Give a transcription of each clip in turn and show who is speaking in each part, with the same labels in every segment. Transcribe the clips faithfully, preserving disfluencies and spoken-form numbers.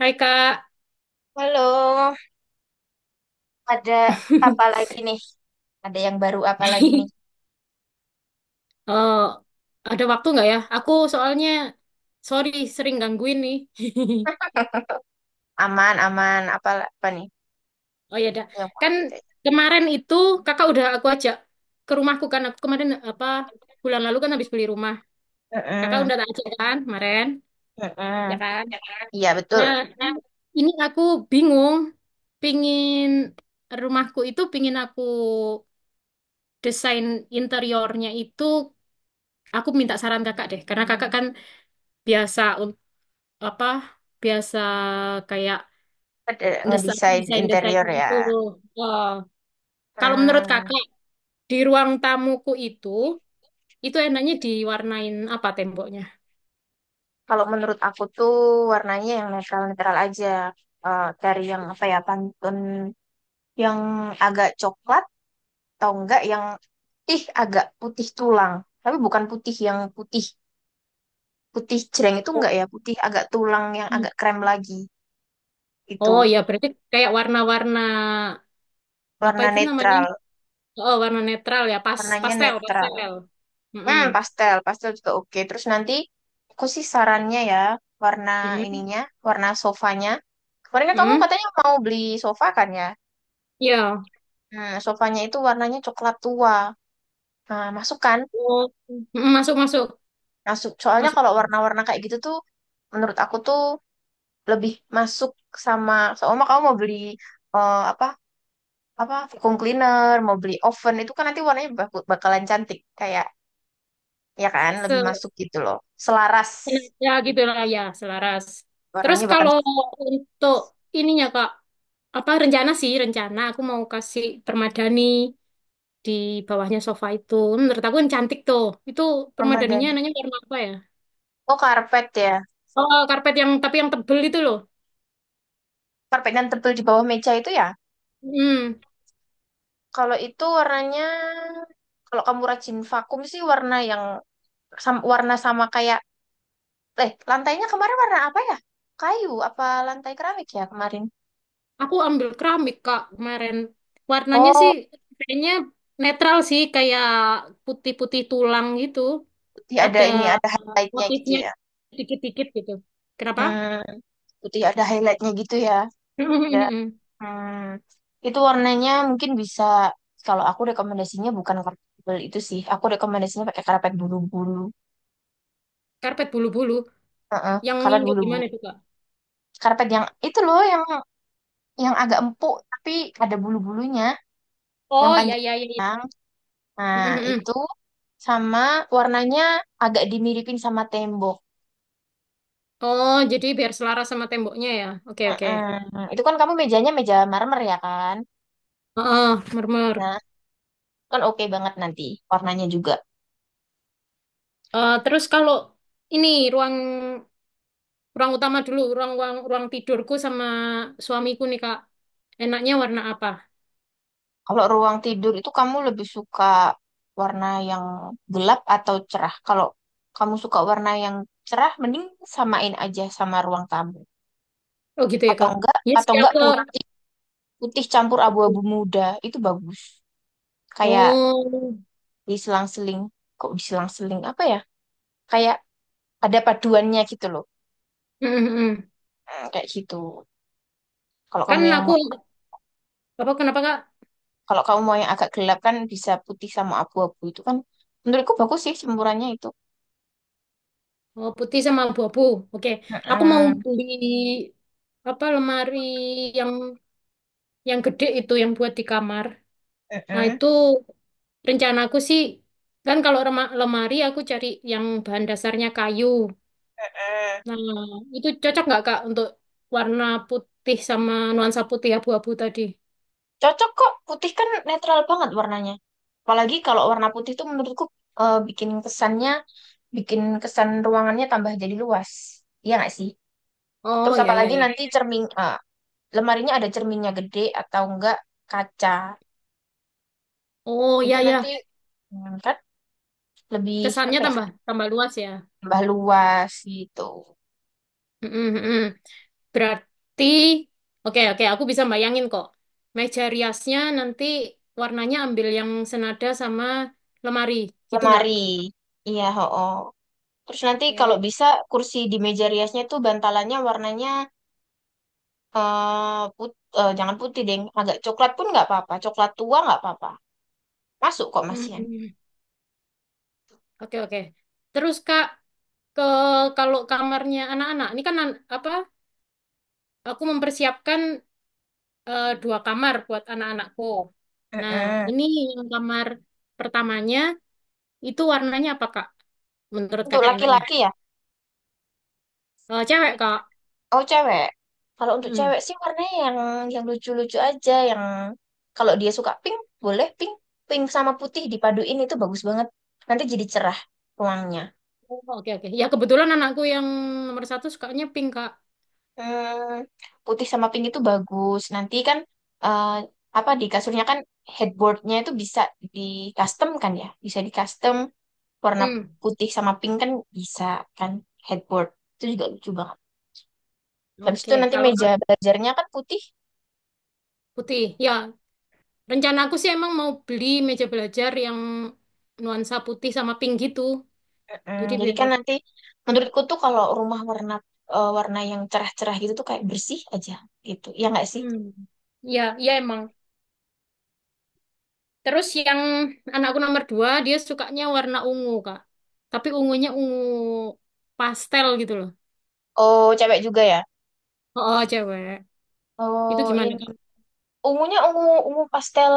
Speaker 1: Hai Kak,
Speaker 2: Halo, ada apa lagi nih? Ada yang baru apa lagi nih?
Speaker 1: Eh, ada waktu nggak ya? Aku soalnya, sorry sering gangguin nih.
Speaker 2: Aman, aman. Apa, apa nih
Speaker 1: Oh ya, dah.
Speaker 2: yang mau
Speaker 1: Kan
Speaker 2: ditanya?
Speaker 1: kemarin itu Kakak udah aku ajak ke rumahku kan. Aku kemarin apa bulan lalu kan habis beli rumah. Kakak
Speaker 2: Mm-mm,
Speaker 1: udah tak ajak kan kemarin, ya
Speaker 2: mm-mm.
Speaker 1: kan?
Speaker 2: Iya,
Speaker 1: Nah,
Speaker 2: betul.
Speaker 1: ini aku bingung, pingin rumahku itu pingin aku desain interiornya itu. Aku minta saran kakak deh, karena kakak kan biasa apa biasa kayak
Speaker 2: Ada
Speaker 1: desain
Speaker 2: ngedesain
Speaker 1: desain desain
Speaker 2: interior ya.
Speaker 1: itu. Eh, kalau menurut
Speaker 2: Hmm,
Speaker 1: kakak di ruang tamuku itu itu enaknya diwarnain apa temboknya?
Speaker 2: kalau menurut aku tuh warnanya yang netral-netral aja. Eh, dari yang apa ya, pantun yang agak coklat atau enggak yang putih, agak putih tulang. Tapi bukan putih yang putih. Putih jreng itu
Speaker 1: Oh,
Speaker 2: enggak ya, putih agak tulang yang
Speaker 1: hmm.
Speaker 2: agak krem lagi. Itu
Speaker 1: Oh, ya berarti kayak warna-warna apa
Speaker 2: warna
Speaker 1: itu namanya?
Speaker 2: netral,
Speaker 1: Oh, warna netral ya pas
Speaker 2: warnanya
Speaker 1: pastel
Speaker 2: netral.
Speaker 1: pastel. Mm-mm.
Speaker 2: Hmm, pastel, pastel juga oke. Terus nanti aku sih sarannya ya, warna
Speaker 1: Mm-mm.
Speaker 2: ininya, warna sofanya. Kemarin kan kamu
Speaker 1: Mm-mm.
Speaker 2: katanya mau beli sofa kan ya?
Speaker 1: Ya.
Speaker 2: Hmm, sofanya itu warnanya coklat tua. Nah, masuk kan?
Speaker 1: Oh. Mm-mm, masuk masuk
Speaker 2: Masuk. Soalnya kalau
Speaker 1: masuk.
Speaker 2: warna-warna kayak gitu tuh, menurut aku tuh lebih masuk sama, sama kamu mau beli eh, apa apa vacuum cleaner, mau beli oven itu kan nanti warnanya bak- bakalan cantik kayak, ya kan lebih
Speaker 1: Se
Speaker 2: masuk gitu loh. Selaras
Speaker 1: ya gitu lah ya selaras. Terus
Speaker 2: warnanya bahkan
Speaker 1: kalau untuk
Speaker 2: selaras.
Speaker 1: ininya Kak, apa rencana sih rencana aku mau kasih permadani di bawahnya sofa itu. Menurut aku yang cantik tuh itu permadaninya
Speaker 2: Permadani.
Speaker 1: nanya warna apa ya.
Speaker 2: Oh, karpet ya.
Speaker 1: Oh, karpet yang tapi yang tebel itu loh.
Speaker 2: Karpet yang tebel di bawah meja itu ya.
Speaker 1: hmm
Speaker 2: Kalau itu warnanya, kalau kamu rajin vakum sih warna yang sam- warna sama kayak, eh lantainya kemarin warna apa ya? Kayu apa lantai keramik ya kemarin?
Speaker 1: aku ambil keramik kak kemarin, warnanya sih
Speaker 2: Oh,
Speaker 1: kayaknya netral sih kayak putih-putih tulang gitu.
Speaker 2: putih ada
Speaker 1: Ada
Speaker 2: ini ada
Speaker 1: eh,
Speaker 2: highlightnya gitu
Speaker 1: motifnya
Speaker 2: ya.
Speaker 1: dikit-dikit gitu kenapa.
Speaker 2: Hmm, putih ada highlightnya gitu ya. Nggak. Hmm, itu warnanya mungkin bisa, kalau aku rekomendasinya bukan karpet tebal itu sih. Aku rekomendasinya pakai karpet bulu-bulu.
Speaker 1: Karpet bulu-bulu
Speaker 2: Heeh,
Speaker 1: yang
Speaker 2: karpet
Speaker 1: yang kayak gimana
Speaker 2: bulu-bulu.
Speaker 1: tuh kak?
Speaker 2: Karpet yang itu loh, yang yang agak empuk tapi ada bulu-bulunya, yang
Speaker 1: Oh ya ya ya
Speaker 2: panjang. Nah,
Speaker 1: ya.
Speaker 2: itu sama warnanya agak dimiripin sama tembok.
Speaker 1: Oh, jadi biar selaras sama temboknya ya. Oke, oke.
Speaker 2: Heeh. Itu kan kamu mejanya meja marmer ya kan?
Speaker 1: Heeh, murmur.
Speaker 2: Nah, kan oke banget nanti warnanya juga.
Speaker 1: Eh, terus kalau ini ruang ruang utama dulu, ruang ruang ruang tidurku sama suamiku nih, Kak. Enaknya warna apa?
Speaker 2: Kalau ruang tidur itu kamu lebih suka warna yang gelap atau cerah? Kalau kamu suka warna yang cerah, mending samain aja sama ruang tamu.
Speaker 1: Oh, gitu ya,
Speaker 2: Atau
Speaker 1: Kak.
Speaker 2: enggak,
Speaker 1: Yes,
Speaker 2: atau
Speaker 1: ya,
Speaker 2: enggak
Speaker 1: Kak.
Speaker 2: putih, putih campur abu-abu muda itu bagus. Kayak
Speaker 1: Oh.
Speaker 2: diselang-seling, kok diselang-seling apa ya? Kayak ada paduannya gitu loh.
Speaker 1: Mm, mm, mm.
Speaker 2: Hmm, kayak gitu. Kalau
Speaker 1: Kan
Speaker 2: kamu yang
Speaker 1: aku
Speaker 2: mau-
Speaker 1: apa kenapa, Kak?
Speaker 2: Kalau kamu mau yang agak gelap kan bisa putih sama abu-abu itu kan menurutku bagus sih campurannya itu.
Speaker 1: Oh, putih sama abu-abu. Oke. Aku mau
Speaker 2: Mm-mm.
Speaker 1: beli apa lemari yang yang gede itu yang buat di kamar. Nah,
Speaker 2: Mm-mm.
Speaker 1: itu rencanaku sih, kan kalau rema- lemari aku cari yang bahan dasarnya kayu.
Speaker 2: Mm-mm.
Speaker 1: Nah, itu cocok nggak Kak untuk warna putih sama nuansa putih abu-abu tadi?
Speaker 2: Cocok kok, putih kan netral banget warnanya. Apalagi kalau warna putih tuh menurutku eh, bikin kesannya, bikin kesan ruangannya tambah jadi luas. Iya nggak sih?
Speaker 1: Oh,
Speaker 2: Terus
Speaker 1: ya, ya,
Speaker 2: apalagi
Speaker 1: ya.
Speaker 2: nanti cermin, eh, lemarinya ada cerminnya gede atau enggak kaca.
Speaker 1: Oh,
Speaker 2: Itu
Speaker 1: ya,
Speaker 2: nanti
Speaker 1: ya.
Speaker 2: hmm, kan lebih
Speaker 1: Kesannya
Speaker 2: apa ya,
Speaker 1: tambah tambah luas ya.
Speaker 2: tambah luas gitu.
Speaker 1: Mm-mm, mm-mm. Berarti, oke, oke, aku bisa bayangin kok. Meja riasnya nanti warnanya ambil yang senada sama lemari, gitu nggak?
Speaker 2: Lemari. Iya, ho. Terus nanti kalau
Speaker 1: Oke.
Speaker 2: bisa kursi di meja riasnya tuh bantalannya warnanya eh put, eh, jangan putih deh, agak coklat pun nggak apa-apa. Coklat tua nggak apa-apa. Masuk kok masian.
Speaker 1: Mm-mm. Oke, oke. Terus, Kak, ke kalau kamarnya anak-anak ini kan an- apa aku mempersiapkan eh, dua kamar buat anak-anakku. Nah,
Speaker 2: Heeh.
Speaker 1: ini yang kamar pertamanya itu warnanya apa Kak? Menurut
Speaker 2: Untuk
Speaker 1: Kakak enaknya?
Speaker 2: laki-laki ya?
Speaker 1: Eh, cewek Kak.
Speaker 2: Oh cewek. Kalau untuk
Speaker 1: Hmm.
Speaker 2: cewek sih warnanya yang yang lucu-lucu aja. Yang kalau dia suka pink, boleh pink. Pink sama putih dipaduin itu bagus banget. Nanti jadi cerah ruangnya.
Speaker 1: Oh, oke oke. Ya kebetulan anakku yang nomor satu sukanya pink Kak.
Speaker 2: Hmm, putih sama pink itu bagus. Nanti kan eh, apa di kasurnya kan headboardnya itu bisa di custom kan ya? Bisa di custom. Warna
Speaker 1: Hmm.
Speaker 2: putih sama pink kan bisa, kan headboard itu juga lucu banget. Habis
Speaker 1: Oke.
Speaker 2: itu nanti
Speaker 1: Kalau
Speaker 2: meja
Speaker 1: Kak,
Speaker 2: belajarnya kan putih.
Speaker 1: putih, ya rencana aku sih emang mau beli meja belajar yang nuansa putih sama pink gitu.
Speaker 2: Mm-mm.
Speaker 1: Jadi
Speaker 2: Jadi
Speaker 1: biar.
Speaker 2: kan nanti menurutku tuh kalau rumah warna eh, warna yang cerah-cerah gitu tuh kayak bersih aja gitu ya nggak sih.
Speaker 1: Hmm. Ya, ya emang. Terus yang anakku nomor dua, dia sukanya warna ungu, Kak. Tapi ungunya ungu pastel gitu loh.
Speaker 2: Oh cewek juga ya.
Speaker 1: Oh, oh, cewek. Itu
Speaker 2: Oh,
Speaker 1: gimana,
Speaker 2: ini
Speaker 1: Kak?
Speaker 2: ungunya ungu ungu pastel.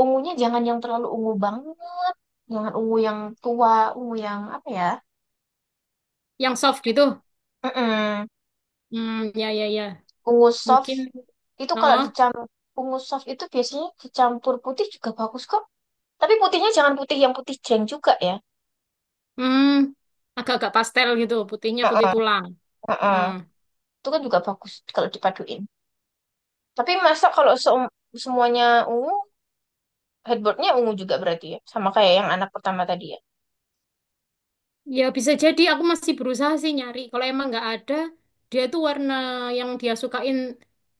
Speaker 2: Ungunya jangan yang terlalu ungu banget, jangan ungu yang tua, ungu yang apa ya.
Speaker 1: Yang soft gitu?
Speaker 2: Mm-mm.
Speaker 1: Hmm, ya, ya, ya.
Speaker 2: Ungu soft.
Speaker 1: Mungkin,
Speaker 2: Itu kalau
Speaker 1: oh,
Speaker 2: dicampur ungu soft itu biasanya dicampur putih juga bagus kok. Tapi putihnya jangan putih yang putih jeng juga ya.
Speaker 1: hmm, agak-agak pastel gitu. Putihnya putih
Speaker 2: Heeh,
Speaker 1: tulang.
Speaker 2: heeh.
Speaker 1: Hmm.
Speaker 2: Itu kan juga bagus kalau dipaduin. Tapi masa kalau seum- semuanya ungu, headboardnya ungu juga berarti ya. Sama kayak yang anak pertama tadi ya.
Speaker 1: Ya, bisa jadi aku masih berusaha sih nyari. Kalau emang nggak ada, dia tuh warna yang dia sukain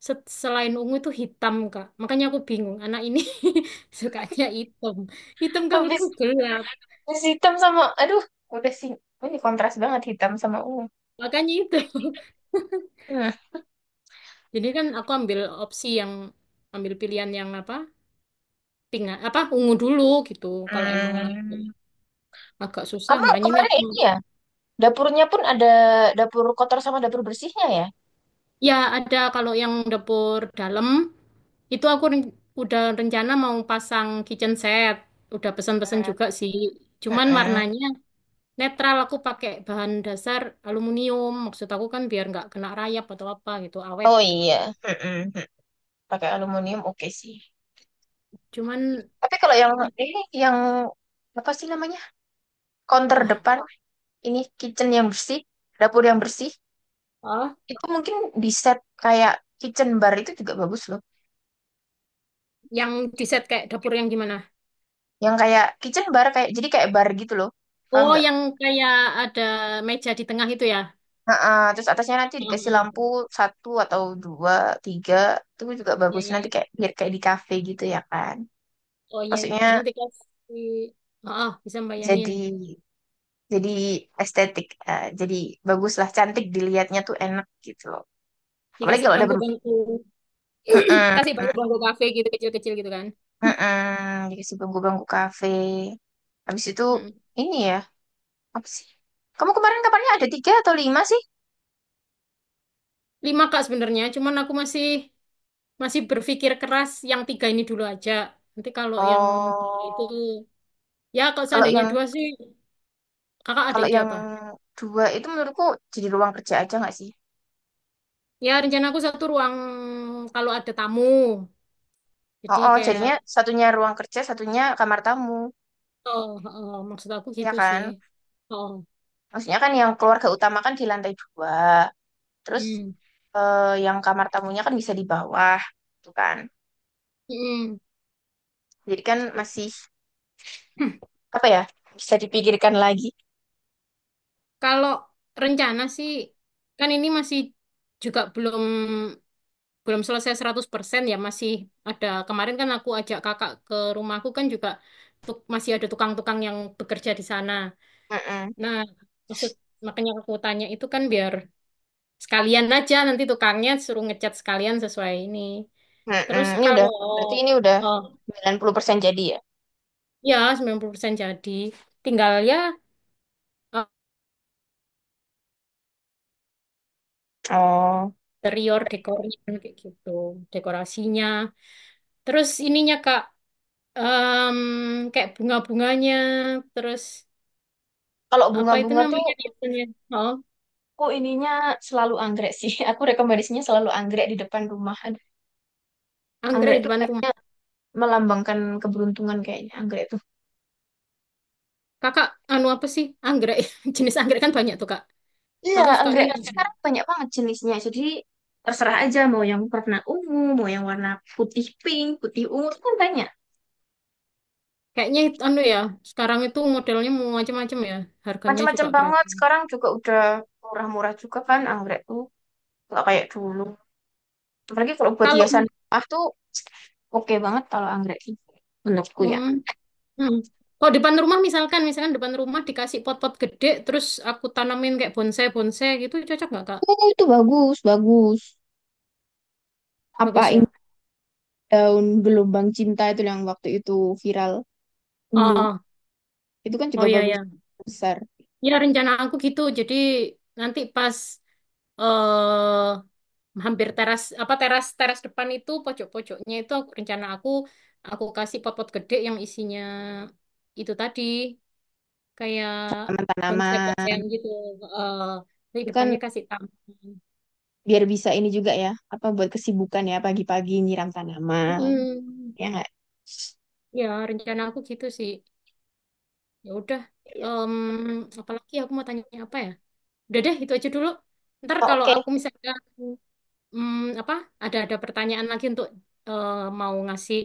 Speaker 1: se- selain ungu itu hitam, Kak. Makanya aku bingung. Anak ini sukanya hitam. Hitam kalau tuh
Speaker 2: Habis,
Speaker 1: gelap.
Speaker 2: habis hitam sama, aduh, udah sih. Ini kontras banget hitam sama ungu.
Speaker 1: Makanya itu.
Speaker 2: Hmm.
Speaker 1: Jadi kan aku ambil opsi yang ambil pilihan yang apa? Pink apa ungu dulu gitu. Kalau emang
Speaker 2: Hmm,
Speaker 1: agak susah,
Speaker 2: kamu
Speaker 1: makanya ini
Speaker 2: kemarin
Speaker 1: aku
Speaker 2: ini ya, dapurnya pun ada dapur kotor sama dapur bersihnya ya?
Speaker 1: ya ada kalau yang dapur dalam itu aku ren- udah rencana mau pasang kitchen set. Udah pesan-pesan
Speaker 2: Heeh.
Speaker 1: juga sih. Cuman warnanya netral aku pakai bahan dasar aluminium. Maksud aku kan biar nggak kena rayap atau apa gitu, awet
Speaker 2: Oh
Speaker 1: gitu loh.
Speaker 2: iya. Heeh. Pakai aluminium oke sih
Speaker 1: Cuman
Speaker 2: tapi kalau yang
Speaker 1: i-
Speaker 2: ini yang apa sih namanya, counter
Speaker 1: apa?
Speaker 2: depan ini kitchen yang bersih, dapur yang bersih,
Speaker 1: Oh,
Speaker 2: itu mungkin di set kayak kitchen bar itu juga bagus loh.
Speaker 1: yang di set kayak dapur yang gimana?
Speaker 2: Yang kayak kitchen bar kayak jadi kayak bar gitu loh, paham
Speaker 1: Oh,
Speaker 2: nggak.
Speaker 1: yang kayak ada meja di tengah itu ya?
Speaker 2: Heeh, terus atasnya nanti
Speaker 1: Oh,
Speaker 2: dikasih lampu
Speaker 1: oh.
Speaker 2: satu atau dua tiga itu juga
Speaker 1: Iya,
Speaker 2: bagus
Speaker 1: iya,
Speaker 2: nanti
Speaker 1: iya.
Speaker 2: kayak biar kayak di kafe gitu ya kan.
Speaker 1: Oh, iya, iya.
Speaker 2: Maksudnya
Speaker 1: Terus nanti kasih. Oh, oh, bisa bayangin.
Speaker 2: jadi jadi estetik, eh, jadi baguslah, cantik dilihatnya tuh enak gitu loh apalagi
Speaker 1: Dikasih
Speaker 2: kalau ada.
Speaker 1: bangku-bangku.
Speaker 2: Mm-mm,
Speaker 1: Kasih bangku-bangku kafe gitu, kecil-kecil gitu kan.
Speaker 2: mm-mm. Dikasih bangku kafe. Habis itu
Speaker 1: Mm.
Speaker 2: ini ya, apa sih? Kamu kemarin kabarnya ada tiga atau lima sih?
Speaker 1: Lima, Kak, sebenarnya. Cuman aku masih masih berpikir keras yang tiga ini dulu aja. Nanti kalau yang itu.
Speaker 2: Oh,
Speaker 1: Ya, kalau
Speaker 2: kalau
Speaker 1: seandainya
Speaker 2: yang
Speaker 1: dua sih, kakak ada
Speaker 2: kalau
Speaker 1: ide
Speaker 2: yang
Speaker 1: apa?
Speaker 2: dua itu menurutku jadi ruang kerja aja nggak sih?
Speaker 1: Ya, rencana aku satu ruang kalau ada tamu.
Speaker 2: Oh,
Speaker 1: Jadi
Speaker 2: oh,
Speaker 1: kayak.
Speaker 2: jadinya satunya ruang kerja, satunya kamar tamu,
Speaker 1: Oh, oh, oh, maksud aku
Speaker 2: ya
Speaker 1: gitu sih.
Speaker 2: kan?
Speaker 1: Oh. Oh.
Speaker 2: Maksudnya kan yang keluarga utama kan di lantai dua, terus
Speaker 1: Hmm.
Speaker 2: eh, yang kamar tamunya kan bisa di bawah, tuh kan?
Speaker 1: Hmm.
Speaker 2: Jadi kan masih
Speaker 1: Hmm.
Speaker 2: apa ya? Bisa dipikirkan lagi.
Speaker 1: Kalau rencana sih kan ini masih juga belum belum selesai seratus persen ya masih ada kemarin kan aku ajak kakak ke rumahku kan juga tuk- masih ada tukang-tukang yang bekerja di sana.
Speaker 2: Mm-mm.
Speaker 1: Nah, maksud makanya aku tanya itu kan biar sekalian aja nanti tukangnya suruh ngecat sekalian sesuai ini.
Speaker 2: Mm-mm,
Speaker 1: Terus
Speaker 2: ini udah
Speaker 1: kalau
Speaker 2: Berarti ini udah
Speaker 1: oh,
Speaker 2: sembilan puluh persen jadi ya.
Speaker 1: ya sembilan puluh persen jadi tinggal ya
Speaker 2: Oh.
Speaker 1: interior dekornya kayak gitu dekorasinya terus ininya Kak em, kayak bunga-bunganya terus
Speaker 2: Kalau
Speaker 1: apa itu
Speaker 2: bunga-bunga tuh
Speaker 1: namanya biasanya oh
Speaker 2: aku ininya selalu anggrek sih. Aku rekomendasinya selalu anggrek di depan rumah. Aduh,
Speaker 1: anggrek
Speaker 2: anggrek
Speaker 1: di
Speaker 2: tuh
Speaker 1: depan rumah.
Speaker 2: kayaknya melambangkan keberuntungan kayaknya anggrek tuh.
Speaker 1: Kakak anu apa sih anggrek jenis anggrek kan banyak tuh Kak.
Speaker 2: Iya,
Speaker 1: Kakak sukanya
Speaker 2: anggrek kan sekarang banyak banget jenisnya. Jadi terserah aja mau yang warna ungu, mau yang warna putih pink, putih ungu itu kan banyak.
Speaker 1: kayaknya itu anu ya sekarang itu modelnya mau macam-macam ya harganya
Speaker 2: Macam-macam
Speaker 1: juga
Speaker 2: banget.
Speaker 1: beragam
Speaker 2: Sekarang juga udah murah-murah juga kan anggrek tuh. Nggak kayak dulu. Apalagi kalau buat
Speaker 1: kalau
Speaker 2: hiasan rumah tuh oke banget kalau anggrek itu menurutku ya.
Speaker 1: hmm, hmm. Kalau depan rumah misalkan, misalkan, depan rumah dikasih pot-pot gede, terus aku tanamin kayak bonsai-bonsai gitu, cocok nggak Kak?
Speaker 2: Oh, itu bagus, bagus.
Speaker 1: Bagus
Speaker 2: Apa ini daun gelombang cinta itu yang waktu itu viral dulu.
Speaker 1: ya.
Speaker 2: Itu kan juga
Speaker 1: Oh iya
Speaker 2: bagus
Speaker 1: ya.
Speaker 2: besar.
Speaker 1: Ya rencana aku gitu. Jadi nanti pas eh hampir teras apa teras teras depan itu pojok-pojoknya itu aku- rencana aku aku kasih pot-pot gede yang isinya itu tadi kayak
Speaker 2: Tanaman-tanaman
Speaker 1: konsep-konsepan gitu. Eh di
Speaker 2: itu kan
Speaker 1: depannya kasih taman.
Speaker 2: biar bisa ini juga ya, apa buat kesibukan ya pagi-pagi nyiram tanaman.
Speaker 1: Mm,
Speaker 2: Ya nggak?
Speaker 1: ya rencana aku gitu sih. Ya udah.
Speaker 2: Iya.
Speaker 1: Em, apalagi aku mau tanya apa ya? Udah deh itu aja dulu. Ntar
Speaker 2: Oh,
Speaker 1: kalau
Speaker 2: oke.
Speaker 1: aku misalkan hmm, apa ada ada pertanyaan lagi untuk eh, mau ngasih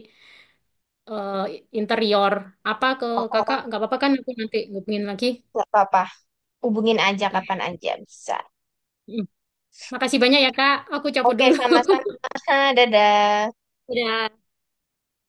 Speaker 1: eh, interior apa ke
Speaker 2: Oh,
Speaker 1: kakak?
Speaker 2: oh,
Speaker 1: Nggak apa-apa kan aku nanti hubungin lagi.
Speaker 2: nggak apa-apa. Hubungin aja
Speaker 1: Oke.
Speaker 2: kapan aja bisa.
Speaker 1: Hmm. Makasih banyak ya kak. Aku cabut
Speaker 2: Oke,
Speaker 1: dulu.
Speaker 2: sama-sama. Dadah.
Speaker 1: Udah.